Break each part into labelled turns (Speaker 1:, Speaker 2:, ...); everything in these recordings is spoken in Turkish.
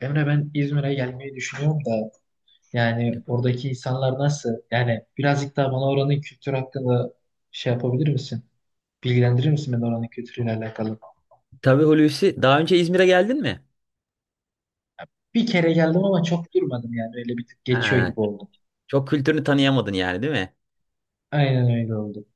Speaker 1: Emre ben İzmir'e gelmeyi düşünüyorum da yani oradaki insanlar nasıl? Yani birazcık daha bana oranın kültürü hakkında şey yapabilir misin? Bilgilendirir misin beni oranın kültürüyle alakalı?
Speaker 2: Tabii Hulusi, daha önce İzmir'e geldin mi?
Speaker 1: Bir kere geldim ama çok durmadım yani öyle bir tık geçiyor
Speaker 2: Ha,
Speaker 1: gibi oldu.
Speaker 2: çok kültürünü tanıyamadın yani, değil mi?
Speaker 1: Aynen öyle oldu.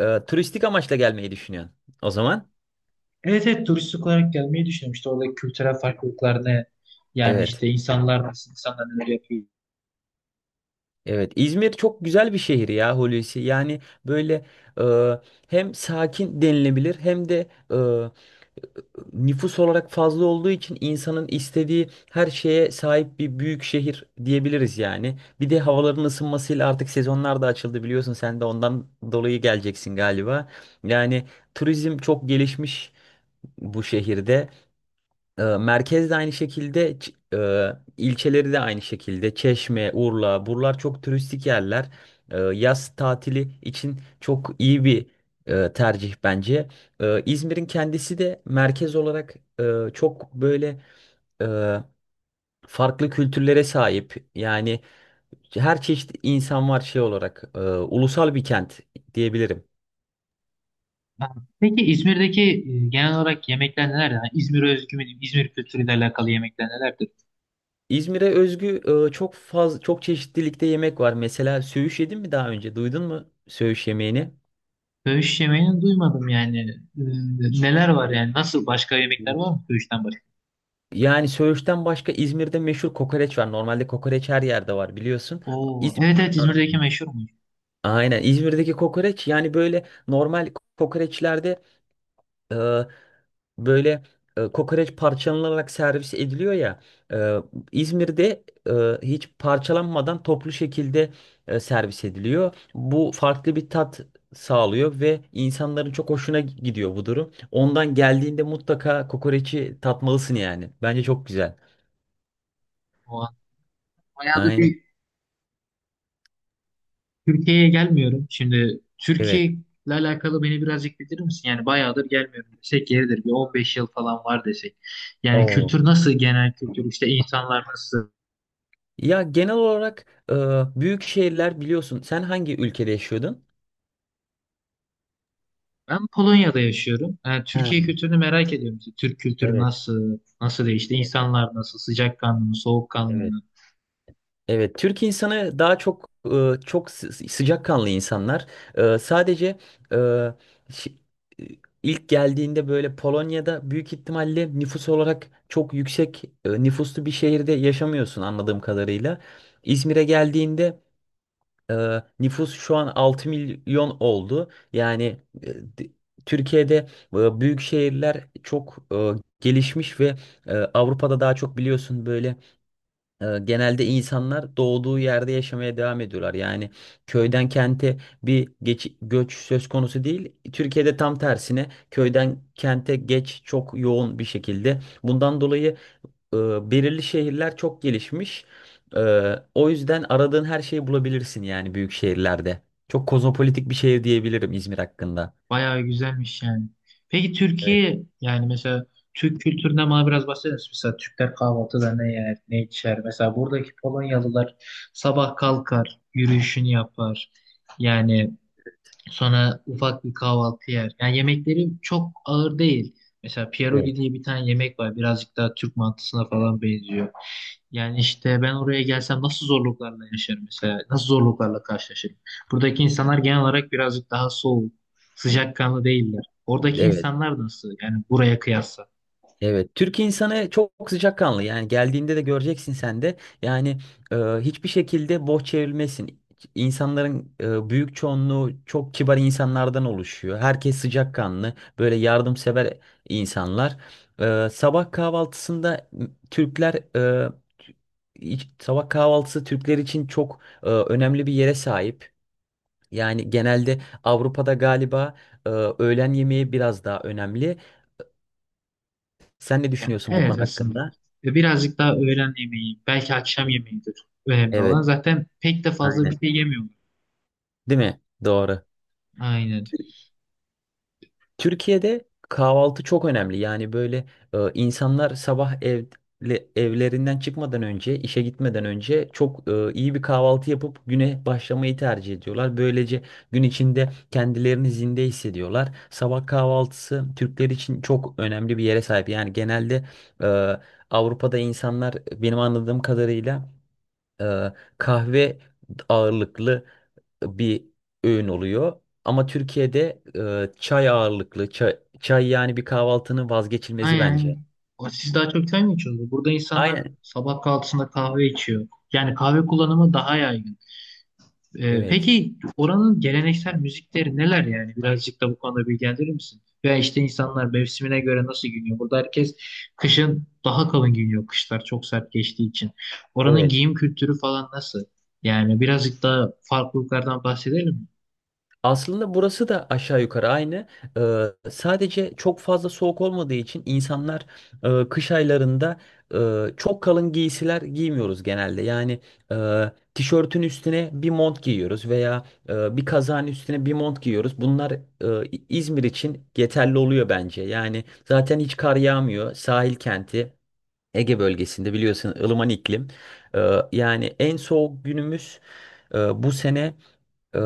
Speaker 2: Turistik amaçla gelmeyi düşünüyorsun o zaman.
Speaker 1: Evet, evet, turistik olarak gelmeyi düşünüyorum. İşte oradaki kültürel farklılıklar ne? Yani
Speaker 2: Evet.
Speaker 1: işte insanlar nasıl, insanlar neler yapıyor.
Speaker 2: Evet. İzmir çok güzel bir şehir ya, Hulusi. Yani böyle e, hem sakin denilebilir hem de nüfus olarak fazla olduğu için insanın istediği her şeye sahip bir büyük şehir diyebiliriz yani. Bir de havaların ısınmasıyla artık sezonlar da açıldı, biliyorsun, sen de ondan dolayı geleceksin galiba. Yani turizm çok gelişmiş bu şehirde. Merkez de aynı şekilde, ilçeleri de aynı şekilde. Çeşme, Urla, buralar çok turistik yerler. Yaz tatili için çok iyi bir tercih bence. İzmir'in kendisi de merkez olarak çok böyle e, farklı kültürlere sahip. Yani her çeşit insan var şey olarak. Ulusal bir kent diyebilirim.
Speaker 1: Ha, peki İzmir'deki genel olarak yemekler nelerdir? Yani İzmir'e özgü mü diyeyim? İzmir kültürüyle alakalı yemekler nelerdir?
Speaker 2: İzmir'e özgü çok fazla çok çeşitlilikte yemek var. Mesela söğüş yedin mi daha önce? Duydun mu söğüş yemeğini?
Speaker 1: Söğüş yemeğini duymadım yani. Neler var yani? Nasıl başka yemekler var mı söğüşten başka?
Speaker 2: Yani söğüşten başka İzmir'de meşhur kokoreç var. Normalde kokoreç her yerde var, biliyorsun.
Speaker 1: Oo, evet,
Speaker 2: İzmir,
Speaker 1: evet, İzmir'deki meşhurmuş.
Speaker 2: aynen, İzmir'deki kokoreç yani böyle normal kokoreçlerde e, böyle kokoreç parçalanarak servis ediliyor ya. e, İzmir'de hiç parçalanmadan toplu şekilde servis ediliyor. Bu farklı bir tat sağlıyor ve insanların çok hoşuna gidiyor bu durum. Ondan geldiğinde mutlaka kokoreçi tatmalısın yani. Bence çok güzel.
Speaker 1: O an. Bayağıdır
Speaker 2: Aynen.
Speaker 1: bir Türkiye'ye gelmiyorum. Şimdi
Speaker 2: Evet.
Speaker 1: Türkiye'yle alakalı beni birazcık bilir misin? Yani bayağıdır gelmiyorum desek yeridir. Bir 15 yıl falan var desek. Yani
Speaker 2: Oo.
Speaker 1: kültür nasıl? Genel kültür işte insanlar nasıl?
Speaker 2: Ya, genel olarak büyük şehirler, biliyorsun. Sen hangi ülkede yaşıyordun?
Speaker 1: Ben Polonya'da yaşıyorum. Yani Türkiye
Speaker 2: Ha,
Speaker 1: kültürünü merak ediyorum. İşte Türk kültürü
Speaker 2: evet,
Speaker 1: nasıl? Nasıl değişti? İnsanlar nasıl? Sıcakkanlı mı? Soğukkanlı
Speaker 2: evet.
Speaker 1: mı?
Speaker 2: Evet, Türk insanı daha çok çok sıcakkanlı insanlar. Sadece e, şi- e, ilk geldiğinde böyle Polonya'da büyük ihtimalle nüfus olarak çok yüksek nüfuslu bir şehirde yaşamıyorsun anladığım kadarıyla. İzmir'e geldiğinde nüfus şu an 6 milyon oldu. Yani e, d- Türkiye'de büyük şehirler çok gelişmiş ve Avrupa'da daha çok, biliyorsun, böyle genelde insanlar doğduğu yerde yaşamaya devam ediyorlar. Yani köyden kente bir göç söz konusu değil. Türkiye'de tam tersine köyden kente geç çok yoğun bir şekilde. Bundan dolayı e, belirli şehirler çok gelişmiş. E, o yüzden aradığın her şeyi bulabilirsin yani, büyük şehirlerde. Çok kozmopolitik bir şehir diyebilirim İzmir hakkında.
Speaker 1: Bayağı güzelmiş yani. Peki
Speaker 2: Evet,
Speaker 1: Türkiye yani mesela Türk kültüründen bana biraz bahseder misin? Mesela Türkler kahvaltıda ne yer, ne içer? Mesela buradaki Polonyalılar sabah kalkar, yürüyüşünü yapar. Yani sonra ufak bir kahvaltı yer. Yani yemekleri çok ağır değil. Mesela pierogi
Speaker 2: evet.
Speaker 1: diye bir tane yemek var. Birazcık daha Türk mantısına falan benziyor. Yani işte ben oraya gelsem nasıl zorluklarla yaşarım mesela? Nasıl zorluklarla karşılaşırım? Buradaki insanlar genel olarak birazcık daha soğuk, sıcakkanlı değiller. Oradaki
Speaker 2: Evet.
Speaker 1: insanlar nasıl? Yani buraya kıyasla.
Speaker 2: Evet, Türk insanı çok sıcakkanlı. Yani geldiğinde de göreceksin sen de. Yani hiçbir şekilde boş çevrilmesin. İnsanların büyük çoğunluğu çok kibar insanlardan oluşuyor. Herkes sıcakkanlı, böyle yardımsever insanlar. Sabah kahvaltısında Türkler, e, sabah kahvaltısı Türkler için çok önemli bir yere sahip. Yani genelde Avrupa'da galiba öğlen yemeği biraz daha önemli. Sen ne
Speaker 1: Ya,
Speaker 2: düşünüyorsun bu konu
Speaker 1: evet, aslında.
Speaker 2: hakkında?
Speaker 1: Ve birazcık daha öğlen yemeği, belki akşam yemeğidir önemli
Speaker 2: Evet,
Speaker 1: olan. Zaten pek de fazla
Speaker 2: aynen.
Speaker 1: bir şey yemiyorlar.
Speaker 2: Değil mi? Doğru.
Speaker 1: Aynen.
Speaker 2: Tür- Türkiye'de kahvaltı çok önemli. Yani böyle insanlar sabah evlerinden çıkmadan önce, işe gitmeden önce çok iyi bir kahvaltı yapıp güne başlamayı tercih ediyorlar. Böylece gün içinde kendilerini zinde hissediyorlar. Sabah kahvaltısı Türkler için çok önemli bir yere sahip. Yani genelde e, Avrupa'da insanlar, benim anladığım kadarıyla, e, kahve ağırlıklı bir öğün oluyor. Ama Türkiye'de çay ağırlıklı. Çay yani bir kahvaltının vazgeçilmezi
Speaker 1: Aynen.
Speaker 2: bence.
Speaker 1: Aynen. O, siz daha çok çay mı içiyorsunuz? Burada insanlar
Speaker 2: Aynen.
Speaker 1: sabah kahvaltısında kahve içiyor. Yani kahve kullanımı daha yaygın.
Speaker 2: Evet.
Speaker 1: Peki oranın geleneksel müzikleri neler yani? Birazcık da bu konuda bilgilendirir misin? Veya işte insanlar mevsimine göre nasıl giyiniyor? Burada herkes kışın daha kalın giyiniyor. Kışlar çok sert geçtiği için. Oranın
Speaker 2: Evet.
Speaker 1: giyim kültürü falan nasıl? Yani birazcık daha farklılıklardan bahsedelim mi?
Speaker 2: Aslında burası da aşağı yukarı aynı. Ee, sadece çok fazla soğuk olmadığı için insanlar kış aylarında çok kalın giysiler giymiyoruz genelde. Yani e, tişörtün üstüne bir mont giyiyoruz veya bir kazağın üstüne bir mont giyiyoruz. Bunlar İzmir için yeterli oluyor bence. Yani zaten hiç kar yağmıyor. Sahil kenti, Ege bölgesinde, biliyorsun, ılıman iklim. Yani en soğuk günümüz bu sene Ee,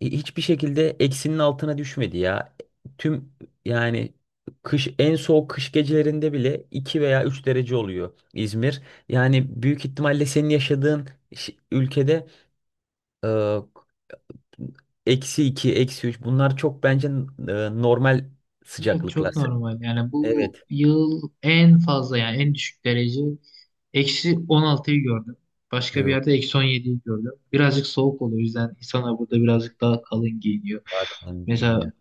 Speaker 2: hiçbir şekilde eksinin altına düşmedi ya. Tüm yani kış, en soğuk kış gecelerinde bile, 2 veya 3 derece oluyor İzmir. Yani büyük ihtimalle senin yaşadığın ülkede e, eksi 2, eksi üç, bunlar çok bence e, normal
Speaker 1: Evet, çok
Speaker 2: sıcaklıklar.
Speaker 1: normal. Yani bu
Speaker 2: Evet.
Speaker 1: yıl en fazla yani en düşük derece eksi 16'yı gördüm. Başka bir
Speaker 2: Yok,
Speaker 1: yerde eksi 17'yi gördüm. Birazcık soğuk oluyor. O yüzden insanlar burada birazcık daha kalın giyiniyor.
Speaker 2: daha kalın
Speaker 1: Mesela
Speaker 2: ya.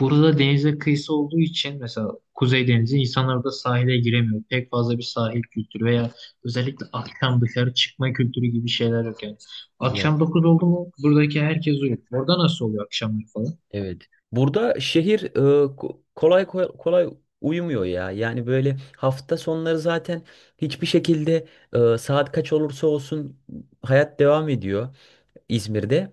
Speaker 1: burada denize kıyısı olduğu için mesela Kuzey Denizi insanlar da sahile giremiyor. Pek fazla bir sahil kültürü veya özellikle akşam dışarı çıkma kültürü gibi şeyler yok yani. Akşam
Speaker 2: Yok.
Speaker 1: 9 oldu mu buradaki herkes uyuyor. Orada nasıl oluyor akşamları falan?
Speaker 2: Evet. Burada şehir kolay kolay uyumuyor ya. Yani böyle hafta sonları zaten hiçbir şekilde saat kaç olursa olsun hayat devam ediyor İzmir'de.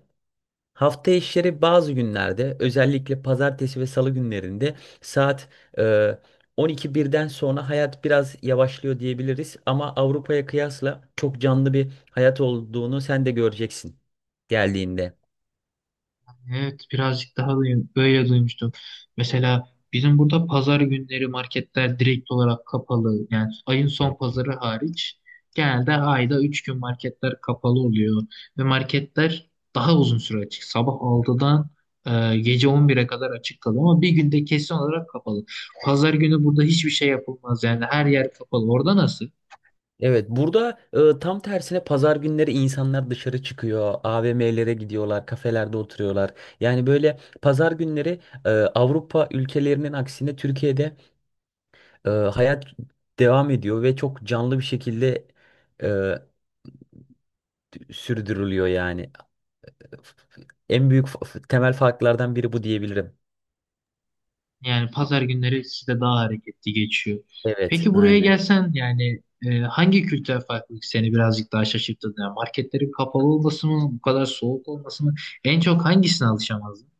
Speaker 2: Hafta işleri bazı günlerde, özellikle pazartesi ve salı günlerinde, saat e, 12 birden sonra hayat biraz yavaşlıyor diyebiliriz. Ama Avrupa'ya kıyasla çok canlı bir hayat olduğunu sen de göreceksin geldiğinde.
Speaker 1: Evet, birazcık daha böyle duymuştum. Mesela bizim burada pazar günleri marketler direkt olarak kapalı. Yani ayın son pazarı hariç genelde ayda 3 gün marketler kapalı oluyor. Ve marketler daha uzun süre açık. Sabah 6'dan gece 11'e kadar açık kalıyor ama bir günde kesin olarak kapalı. Pazar günü burada hiçbir şey yapılmaz. Yani her yer kapalı. Orada nasıl?
Speaker 2: Evet, burada tam tersine pazar günleri insanlar dışarı çıkıyor, AVM'lere gidiyorlar, kafelerde oturuyorlar. Yani böyle pazar günleri Avrupa ülkelerinin aksine Türkiye'de hayat devam ediyor ve çok canlı bir şekilde e, sürdürülüyor yani. En büyük temel farklardan biri bu diyebilirim.
Speaker 1: Yani pazar günleri sizde daha hareketli geçiyor.
Speaker 2: Evet,
Speaker 1: Peki buraya
Speaker 2: aynen.
Speaker 1: gelsen yani hangi kültürel farklılık seni birazcık daha şaşırttı? Yani marketlerin kapalı olması mı, bu kadar soğuk olması mı? En çok hangisine alışamazdın?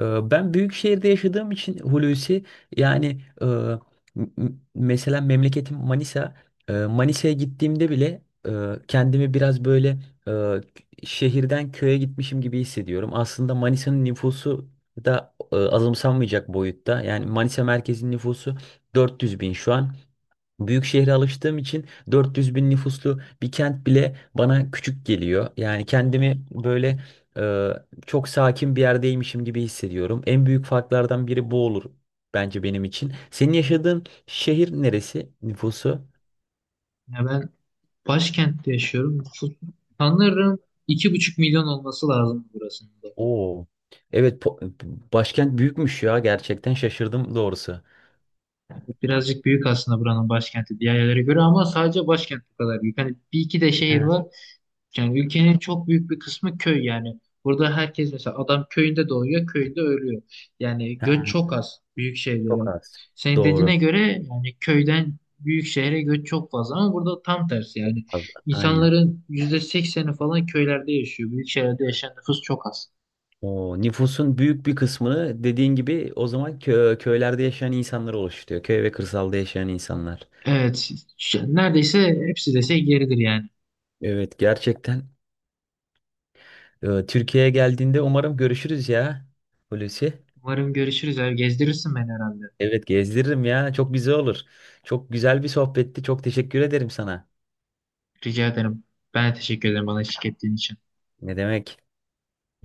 Speaker 2: Ben büyük şehirde yaşadığım için Hulusi, yani m- mesela memleketim Manisa. Manisa'ya gittiğimde bile e, kendimi biraz böyle şehirden köye gitmişim gibi hissediyorum. Aslında Manisa'nın nüfusu da azımsanmayacak boyutta. Yani Manisa merkezin nüfusu 400 bin şu an. Büyük şehre alıştığım için 400 bin nüfuslu bir kent bile bana küçük geliyor. Yani kendimi böyle e, çok sakin bir yerdeymişim gibi hissediyorum. En büyük farklardan biri bu olur bence, benim için. Senin yaşadığın şehir neresi, nüfusu?
Speaker 1: Ya ben başkentte yaşıyorum. Sanırım 2,5 milyon olması lazım burasında.
Speaker 2: Oo. Evet, başkent büyükmüş ya, gerçekten şaşırdım doğrusu.
Speaker 1: Evet, birazcık büyük aslında buranın başkenti diğer yerlere göre ama sadece başkent bu kadar büyük. Hani bir iki de
Speaker 2: He,
Speaker 1: şehir var. Yani ülkenin çok büyük bir kısmı köy yani. Burada herkes mesela adam köyünde doğuyor, köyünde ölüyor. Yani
Speaker 2: he,
Speaker 1: göç çok az büyük
Speaker 2: çok
Speaker 1: şehirlere.
Speaker 2: az.
Speaker 1: Senin dediğine
Speaker 2: Doğru.
Speaker 1: göre yani köyden büyük şehre göç çok fazla ama burada tam tersi yani.
Speaker 2: Aynen.
Speaker 1: İnsanların %80'i falan köylerde yaşıyor. Büyük şehirlerde yaşayan nüfus çok az.
Speaker 2: O nüfusun büyük bir kısmını, dediğin gibi, o zaman köylerde yaşayan insanlar oluşturuyor. Köy ve kırsalda yaşayan insanlar.
Speaker 1: Evet, neredeyse hepsi dese yeridir yani.
Speaker 2: Evet, gerçekten Türkiye'ye geldiğinde umarım görüşürüz ya, Hulusi.
Speaker 1: Umarım görüşürüz abi. Gezdirirsin beni herhalde.
Speaker 2: Evet, gezdiririm ya, çok güzel olur. Çok güzel bir sohbetti. Çok teşekkür ederim sana.
Speaker 1: Rica ederim. Ben de teşekkür ederim bana eşlik ettiğin için.
Speaker 2: Ne demek?